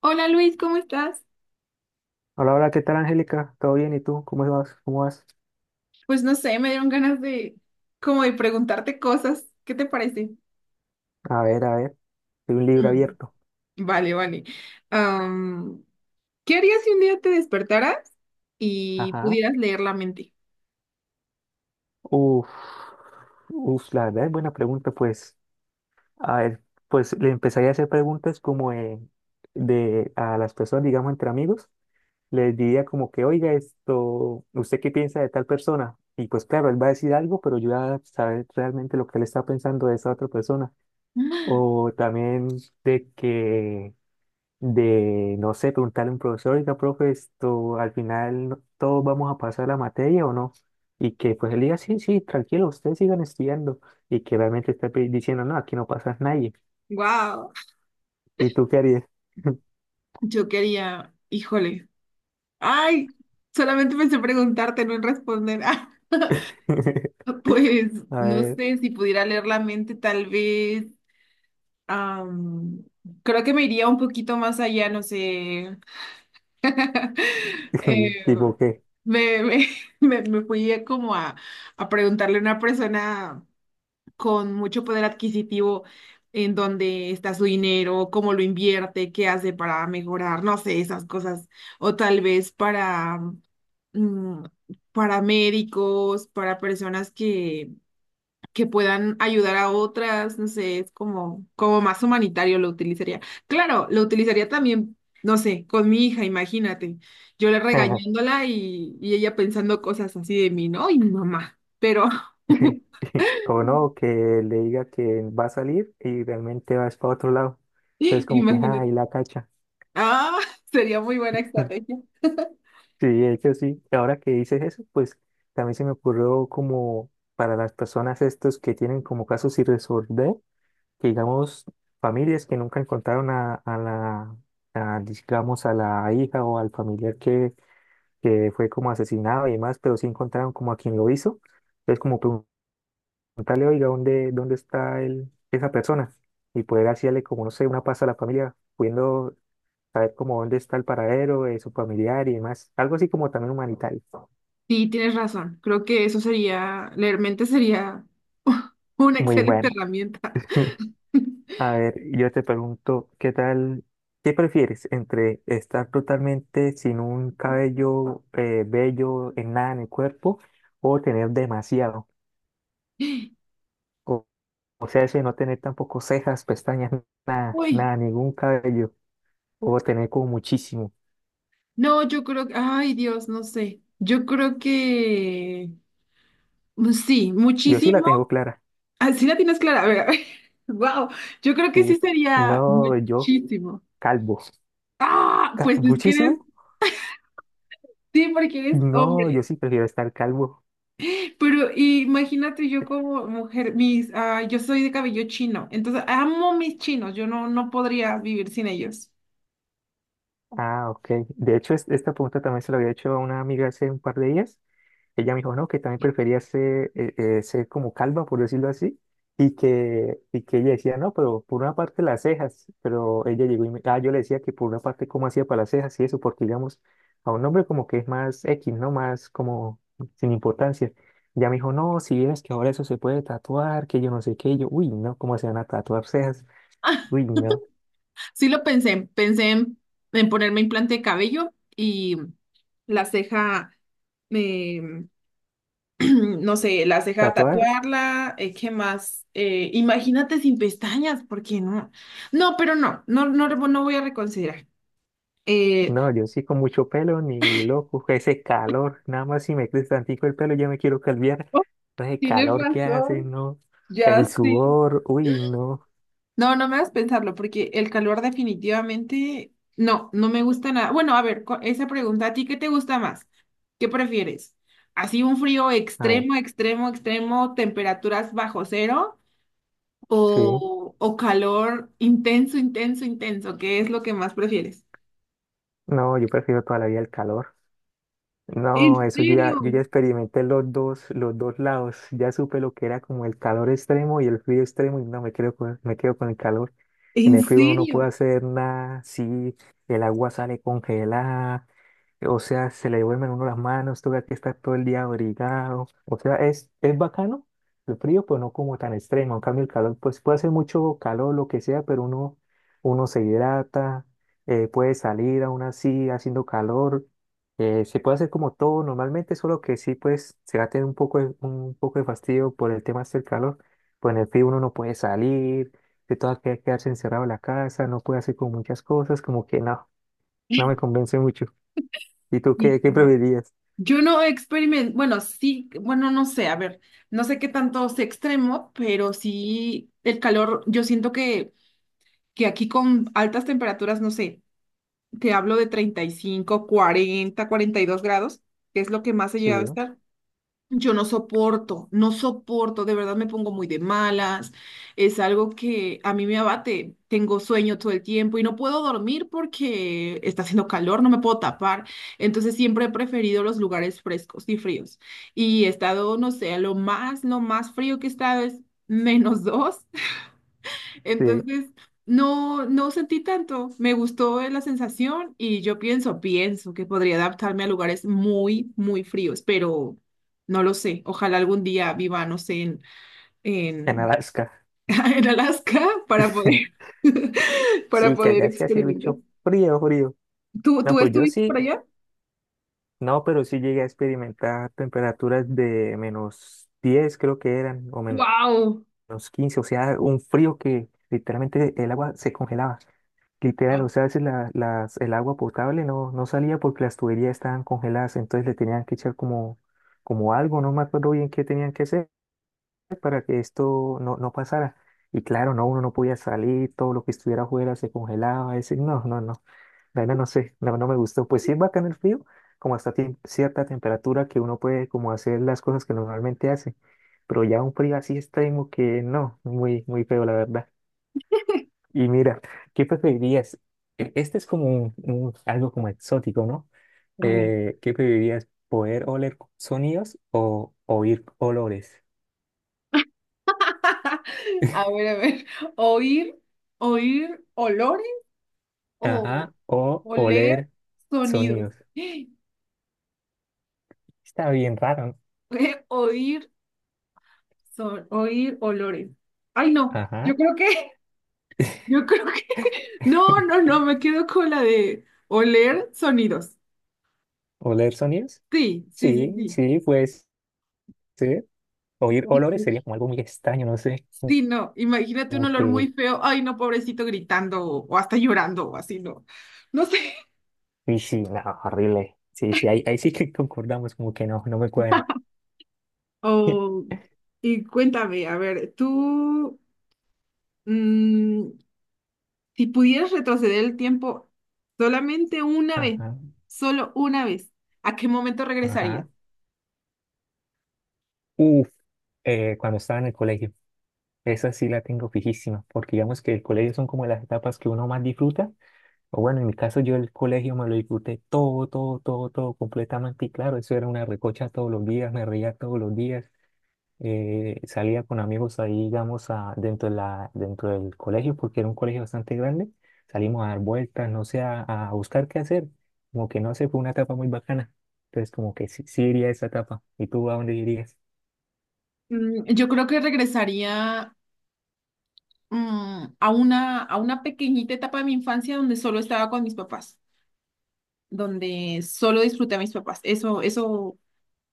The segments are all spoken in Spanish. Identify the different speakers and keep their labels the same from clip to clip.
Speaker 1: Hola Luis, ¿cómo estás?
Speaker 2: Hola, hola, ¿qué tal, Angélica? ¿Todo bien? ¿Y tú? ¿Cómo vas? ¿Cómo vas?
Speaker 1: Pues no sé, me dieron ganas de como de preguntarte cosas. ¿Qué te parece?
Speaker 2: A ver, hay un libro
Speaker 1: Mm.
Speaker 2: abierto.
Speaker 1: Vale, vale. Am, ¿Qué harías si un día te despertaras y
Speaker 2: Ajá.
Speaker 1: pudieras leer la mente?
Speaker 2: Uf, uf, la verdad es buena pregunta, pues. A ver, pues le empezaría a hacer preguntas como de a las personas, digamos, entre amigos. Les diría como que, oiga, esto, ¿usted qué piensa de tal persona? Y pues claro, él va a decir algo, pero yo voy a saber realmente lo que él está pensando de esa otra persona. O también de que de, no sé, preguntarle a un profesor, oiga, profe, esto, al final todos vamos a pasar la materia o no. Y que pues él diga, sí, sí, tranquilo, ustedes sigan estudiando. Y que realmente esté diciendo, no, aquí no pasas nadie.
Speaker 1: Wow.
Speaker 2: ¿Y tú qué harías?
Speaker 1: Yo quería, híjole. Ay, solamente pensé preguntarte, no en responder. Ah, pues
Speaker 2: A
Speaker 1: no
Speaker 2: ver,
Speaker 1: sé si pudiera leer la mente, tal vez. am, Creo que me iría un poquito más allá, no sé. Eh,
Speaker 2: tipo qué.
Speaker 1: me, me, me fui a como a preguntarle a una persona con mucho poder adquisitivo en dónde está su dinero, cómo lo invierte, qué hace para mejorar, no sé, esas cosas. O tal vez para, mm, para médicos, para personas que puedan ayudar a otras, no sé, es como, como más humanitario lo utilizaría. Claro, lo utilizaría también, no sé, con mi hija, imagínate, yo le
Speaker 2: Ajá,
Speaker 1: regañándola y ella pensando cosas así de mí, ¿no? Y mi mamá, pero
Speaker 2: sí. O no, que le diga que va a salir y realmente vas para otro lado. Entonces como que, ah,
Speaker 1: imagínate,
Speaker 2: ahí la cacha.
Speaker 1: ah, sería muy buena estrategia.
Speaker 2: Sí, de hecho sí. Ahora que dices eso, pues también se me ocurrió como para las personas estos que tienen como casos sin resolver, que digamos familias que nunca encontraron a la, digamos, a la hija o al familiar que fue como asesinado y demás, pero sí encontraron como a quien lo hizo. Entonces como preguntarle, oiga, ¿dónde está esa persona? Y poder hacerle como, no sé, una paz a la familia, pudiendo saber como dónde está el paradero de su familiar y demás. Algo así como también humanitario.
Speaker 1: Sí, tienes razón, creo que eso sería, leer mente sería una
Speaker 2: Muy
Speaker 1: excelente
Speaker 2: bueno.
Speaker 1: herramienta.
Speaker 2: A ver, yo te pregunto, ¿qué tal? ¿Qué prefieres entre estar totalmente sin un cabello bello en nada en el cuerpo o tener demasiado? O, o sea, ese no tener tampoco cejas, pestañas, nada,
Speaker 1: Uy,
Speaker 2: nada, ningún cabello o tener como muchísimo.
Speaker 1: no, yo creo que, ay Dios, no sé. Yo creo que pues sí,
Speaker 2: Yo sí la
Speaker 1: muchísimo.
Speaker 2: tengo clara.
Speaker 1: Así la tienes clara. A ver, a ver. Wow, yo creo
Speaker 2: Sí.
Speaker 1: que sí sería
Speaker 2: No, yo
Speaker 1: muchísimo.
Speaker 2: calvo.
Speaker 1: Ah, pues es que eres,
Speaker 2: ¿Muchísimo?
Speaker 1: sí, porque eres
Speaker 2: No, yo
Speaker 1: hombre.
Speaker 2: sí prefiero estar calvo.
Speaker 1: Pero imagínate yo como mujer, mis, ah, yo soy de cabello chino, entonces amo mis chinos, yo no, no podría vivir sin ellos.
Speaker 2: Ah, ok. De hecho, esta pregunta también se la había hecho a una amiga hace un par de días. Ella me dijo, no, que también prefería ser como calva, por decirlo así, y que ella decía, no, pero por una parte las cejas, pero ella llegó y yo le decía que por una parte cómo hacía para las cejas y eso, porque digamos, a un hombre como que es más X, ¿no? Más como sin importancia. Ya me dijo, no, si vieras que ahora eso se puede tatuar, que yo no sé qué, y yo, uy, no, ¿cómo se van a tatuar cejas? Uy, no,
Speaker 1: Sí lo pensé, pensé en ponerme implante de cabello y la ceja, no sé, la ceja
Speaker 2: ¿tatuadas?
Speaker 1: tatuarla, ¿qué más? Imagínate sin pestañas, ¿porque no? No, pero no, no, no, no voy a reconsiderar. Eh,
Speaker 2: No, yo sí con mucho pelo, ni loco, ese calor, nada más si me crece tantico el pelo ya me quiero calviar.
Speaker 1: oh,
Speaker 2: No, ese
Speaker 1: tienes
Speaker 2: calor que hace,
Speaker 1: razón,
Speaker 2: no,
Speaker 1: ya
Speaker 2: el
Speaker 1: sí.
Speaker 2: sudor, uy, no,
Speaker 1: No, no me hagas pensarlo, porque el calor definitivamente, no, no me gusta nada. Bueno, a ver, esa pregunta, ¿a ti qué te gusta más? ¿Qué prefieres? ¿Así un frío
Speaker 2: a ver,
Speaker 1: extremo, extremo, extremo, temperaturas bajo cero?
Speaker 2: sí,
Speaker 1: ¿O, o calor intenso, intenso, intenso? ¿Qué es lo que más prefieres?
Speaker 2: no, yo prefiero toda la vida el calor, no,
Speaker 1: ¿En
Speaker 2: eso yo
Speaker 1: serio?
Speaker 2: ya, yo ya experimenté los dos, lados, ya supe lo que era como el calor extremo y el frío extremo y no, me quedo con el calor, en
Speaker 1: ¿En
Speaker 2: el frío uno no puede
Speaker 1: serio?
Speaker 2: hacer nada, sí, el agua sale congelada, o sea, se le duermen uno las manos, toca que estar todo el día abrigado. O sea, es bacano el frío, pero no como tan extremo. En cambio, el calor, pues puede hacer mucho calor, lo que sea, pero uno se hidrata, puede salir aún así haciendo calor. Se puede hacer como todo normalmente, solo que sí, pues se va a tener un poco de fastidio por el tema del calor. Pues en el frío uno no puede salir, se toca que quedarse encerrado en la casa, no puede hacer como muchas cosas, como que no me convence mucho. ¿Y tú
Speaker 1: Sí.
Speaker 2: qué preferirías?
Speaker 1: Yo no experimento, bueno, sí, bueno, no sé, a ver, no sé qué tanto sea extremo, pero sí el calor, yo siento que aquí con altas temperaturas, no sé, te hablo de 35, 40, 42 grados, que es lo que más he
Speaker 2: Sí,
Speaker 1: llegado a estar. Yo no soporto, no soporto, de verdad me pongo muy de malas, es algo que a mí me abate, tengo sueño todo el tiempo y no puedo dormir porque está haciendo calor, no me puedo tapar, entonces siempre he preferido los lugares frescos y fríos y he estado, no sé, lo más frío que he estado es -2
Speaker 2: sí,
Speaker 1: entonces, no, no sentí tanto. Me gustó la sensación y yo pienso, pienso que podría adaptarme a lugares muy, muy fríos, pero no lo sé. Ojalá algún día viva, no sé,
Speaker 2: en
Speaker 1: en,
Speaker 2: Alaska.
Speaker 1: en Alaska para poder, para
Speaker 2: Sí, que
Speaker 1: poder
Speaker 2: allá sí hace
Speaker 1: experimentar.
Speaker 2: mucho frío, frío.
Speaker 1: ¿Tú,
Speaker 2: No,
Speaker 1: tú
Speaker 2: pues yo
Speaker 1: estuviste por
Speaker 2: sí,
Speaker 1: allá?
Speaker 2: no, pero sí llegué a experimentar temperaturas de -10 creo que eran, o
Speaker 1: ¡Wow!
Speaker 2: -15 o sea, un frío que literalmente el agua se congelaba. Literal, o sea, a veces el agua potable no salía porque las tuberías estaban congeladas, entonces le tenían que echar como algo, no me acuerdo bien qué tenían que hacer para que esto no pasara. Y claro, no, uno no podía salir, todo lo que estuviera afuera se congelaba, ese, no, no, no, la verdad no sé, no me gustó. Pues sí es bacán el frío, como hasta cierta temperatura que uno puede como hacer las cosas que normalmente hace, pero ya un frío así extremo que no, muy, muy feo la verdad. Y mira, ¿qué preferirías? Este es como algo como exótico, ¿no?
Speaker 1: A ver,
Speaker 2: ¿Qué preferirías? ¿Poder oler sonidos o oír olores?
Speaker 1: a ver, a ver. Oír, oír olores o
Speaker 2: Ajá. O
Speaker 1: oler
Speaker 2: oler
Speaker 1: sonidos.
Speaker 2: sonidos. Está bien raro.
Speaker 1: Oír oír olores. Ay, no, yo
Speaker 2: Ajá.
Speaker 1: creo que, yo creo que, no, no, no, me quedo con la de oler sonidos.
Speaker 2: ¿Oler sonidos?
Speaker 1: Sí, sí, sí,
Speaker 2: Sí,
Speaker 1: sí.
Speaker 2: sí, pues sí. Oír
Speaker 1: Y
Speaker 2: olores sería
Speaker 1: Pinky.
Speaker 2: como algo muy extraño, no sé.
Speaker 1: Sí, no, imagínate un
Speaker 2: Como
Speaker 1: olor muy
Speaker 2: que...
Speaker 1: feo. Ay, no, pobrecito gritando o hasta llorando o así, no. No sé.
Speaker 2: Y sí, no, horrible. Sí, sí, ahí sí que concordamos, como que no me cuadra.
Speaker 1: Oh, y cuéntame, a ver, tú, mm, si pudieras retroceder el tiempo solamente una vez,
Speaker 2: Ajá,
Speaker 1: solo una vez, ¿a qué momento regresarías?
Speaker 2: ajá. Uf, cuando estaba en el colegio, esa sí la tengo fijísima, porque digamos que el colegio son como las etapas que uno más disfruta. O bueno, en mi caso yo el colegio me lo disfruté todo, todo, todo, todo completamente. Y claro, eso era una recocha todos los días, me reía todos los días. Salía con amigos ahí, digamos, a, dentro de la, dentro del colegio, porque era un colegio bastante grande. Salimos a dar vueltas, no sé, a buscar qué hacer. Como que no sé, fue una etapa muy bacana. Entonces, como que sí, sí iría a esa etapa. ¿Y tú a dónde irías?
Speaker 1: Yo creo que regresaría, a una pequeñita etapa de mi infancia donde solo estaba con mis papás, donde solo disfruté a mis papás. Eso,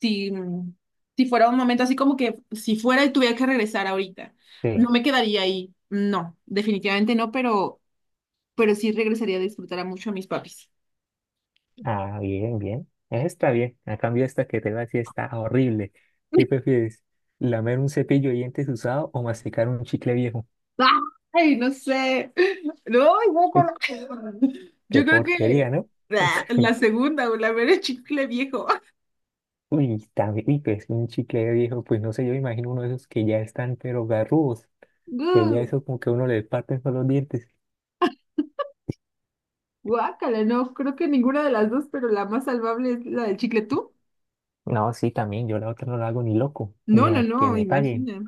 Speaker 1: si, si fuera un momento así como que si fuera y tuviera que regresar ahorita,
Speaker 2: Sí.
Speaker 1: no me quedaría ahí. No, definitivamente no, pero sí regresaría a disfrutar a mucho a mis papis.
Speaker 2: Ah, bien, bien. Está bien. A cambio, esta que te va a decir está horrible. ¿Qué prefieres? ¿Lamer un cepillo de dientes usado o masticar un chicle viejo?
Speaker 1: Ay, no sé. No, ay,
Speaker 2: Uy,
Speaker 1: guácala. Yo
Speaker 2: qué
Speaker 1: creo
Speaker 2: porquería,
Speaker 1: que
Speaker 2: ¿no?
Speaker 1: ah, la segunda o la ver el chicle viejo.
Speaker 2: Uy, también, uy, pues un chicle viejo, pues no sé, yo imagino uno de esos que ya están pero garrudos, que ya eso como que uno le parten con los dientes.
Speaker 1: Guácala, no, creo que ninguna de las dos, pero la más salvable es la del chicle tú.
Speaker 2: No, sí, también, yo la otra no la hago ni loco,
Speaker 1: No,
Speaker 2: ni
Speaker 1: no,
Speaker 2: a que
Speaker 1: no,
Speaker 2: me paguen.
Speaker 1: imagina.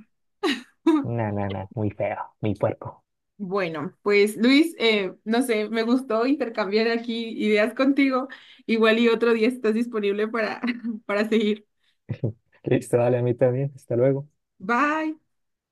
Speaker 2: Na, na, na, muy feo, muy puerco.
Speaker 1: Bueno, pues Luis, no sé, me gustó intercambiar aquí ideas contigo. Igual y otro día estás disponible para, para seguir.
Speaker 2: Listo, dale a mí también, hasta luego.
Speaker 1: Bye.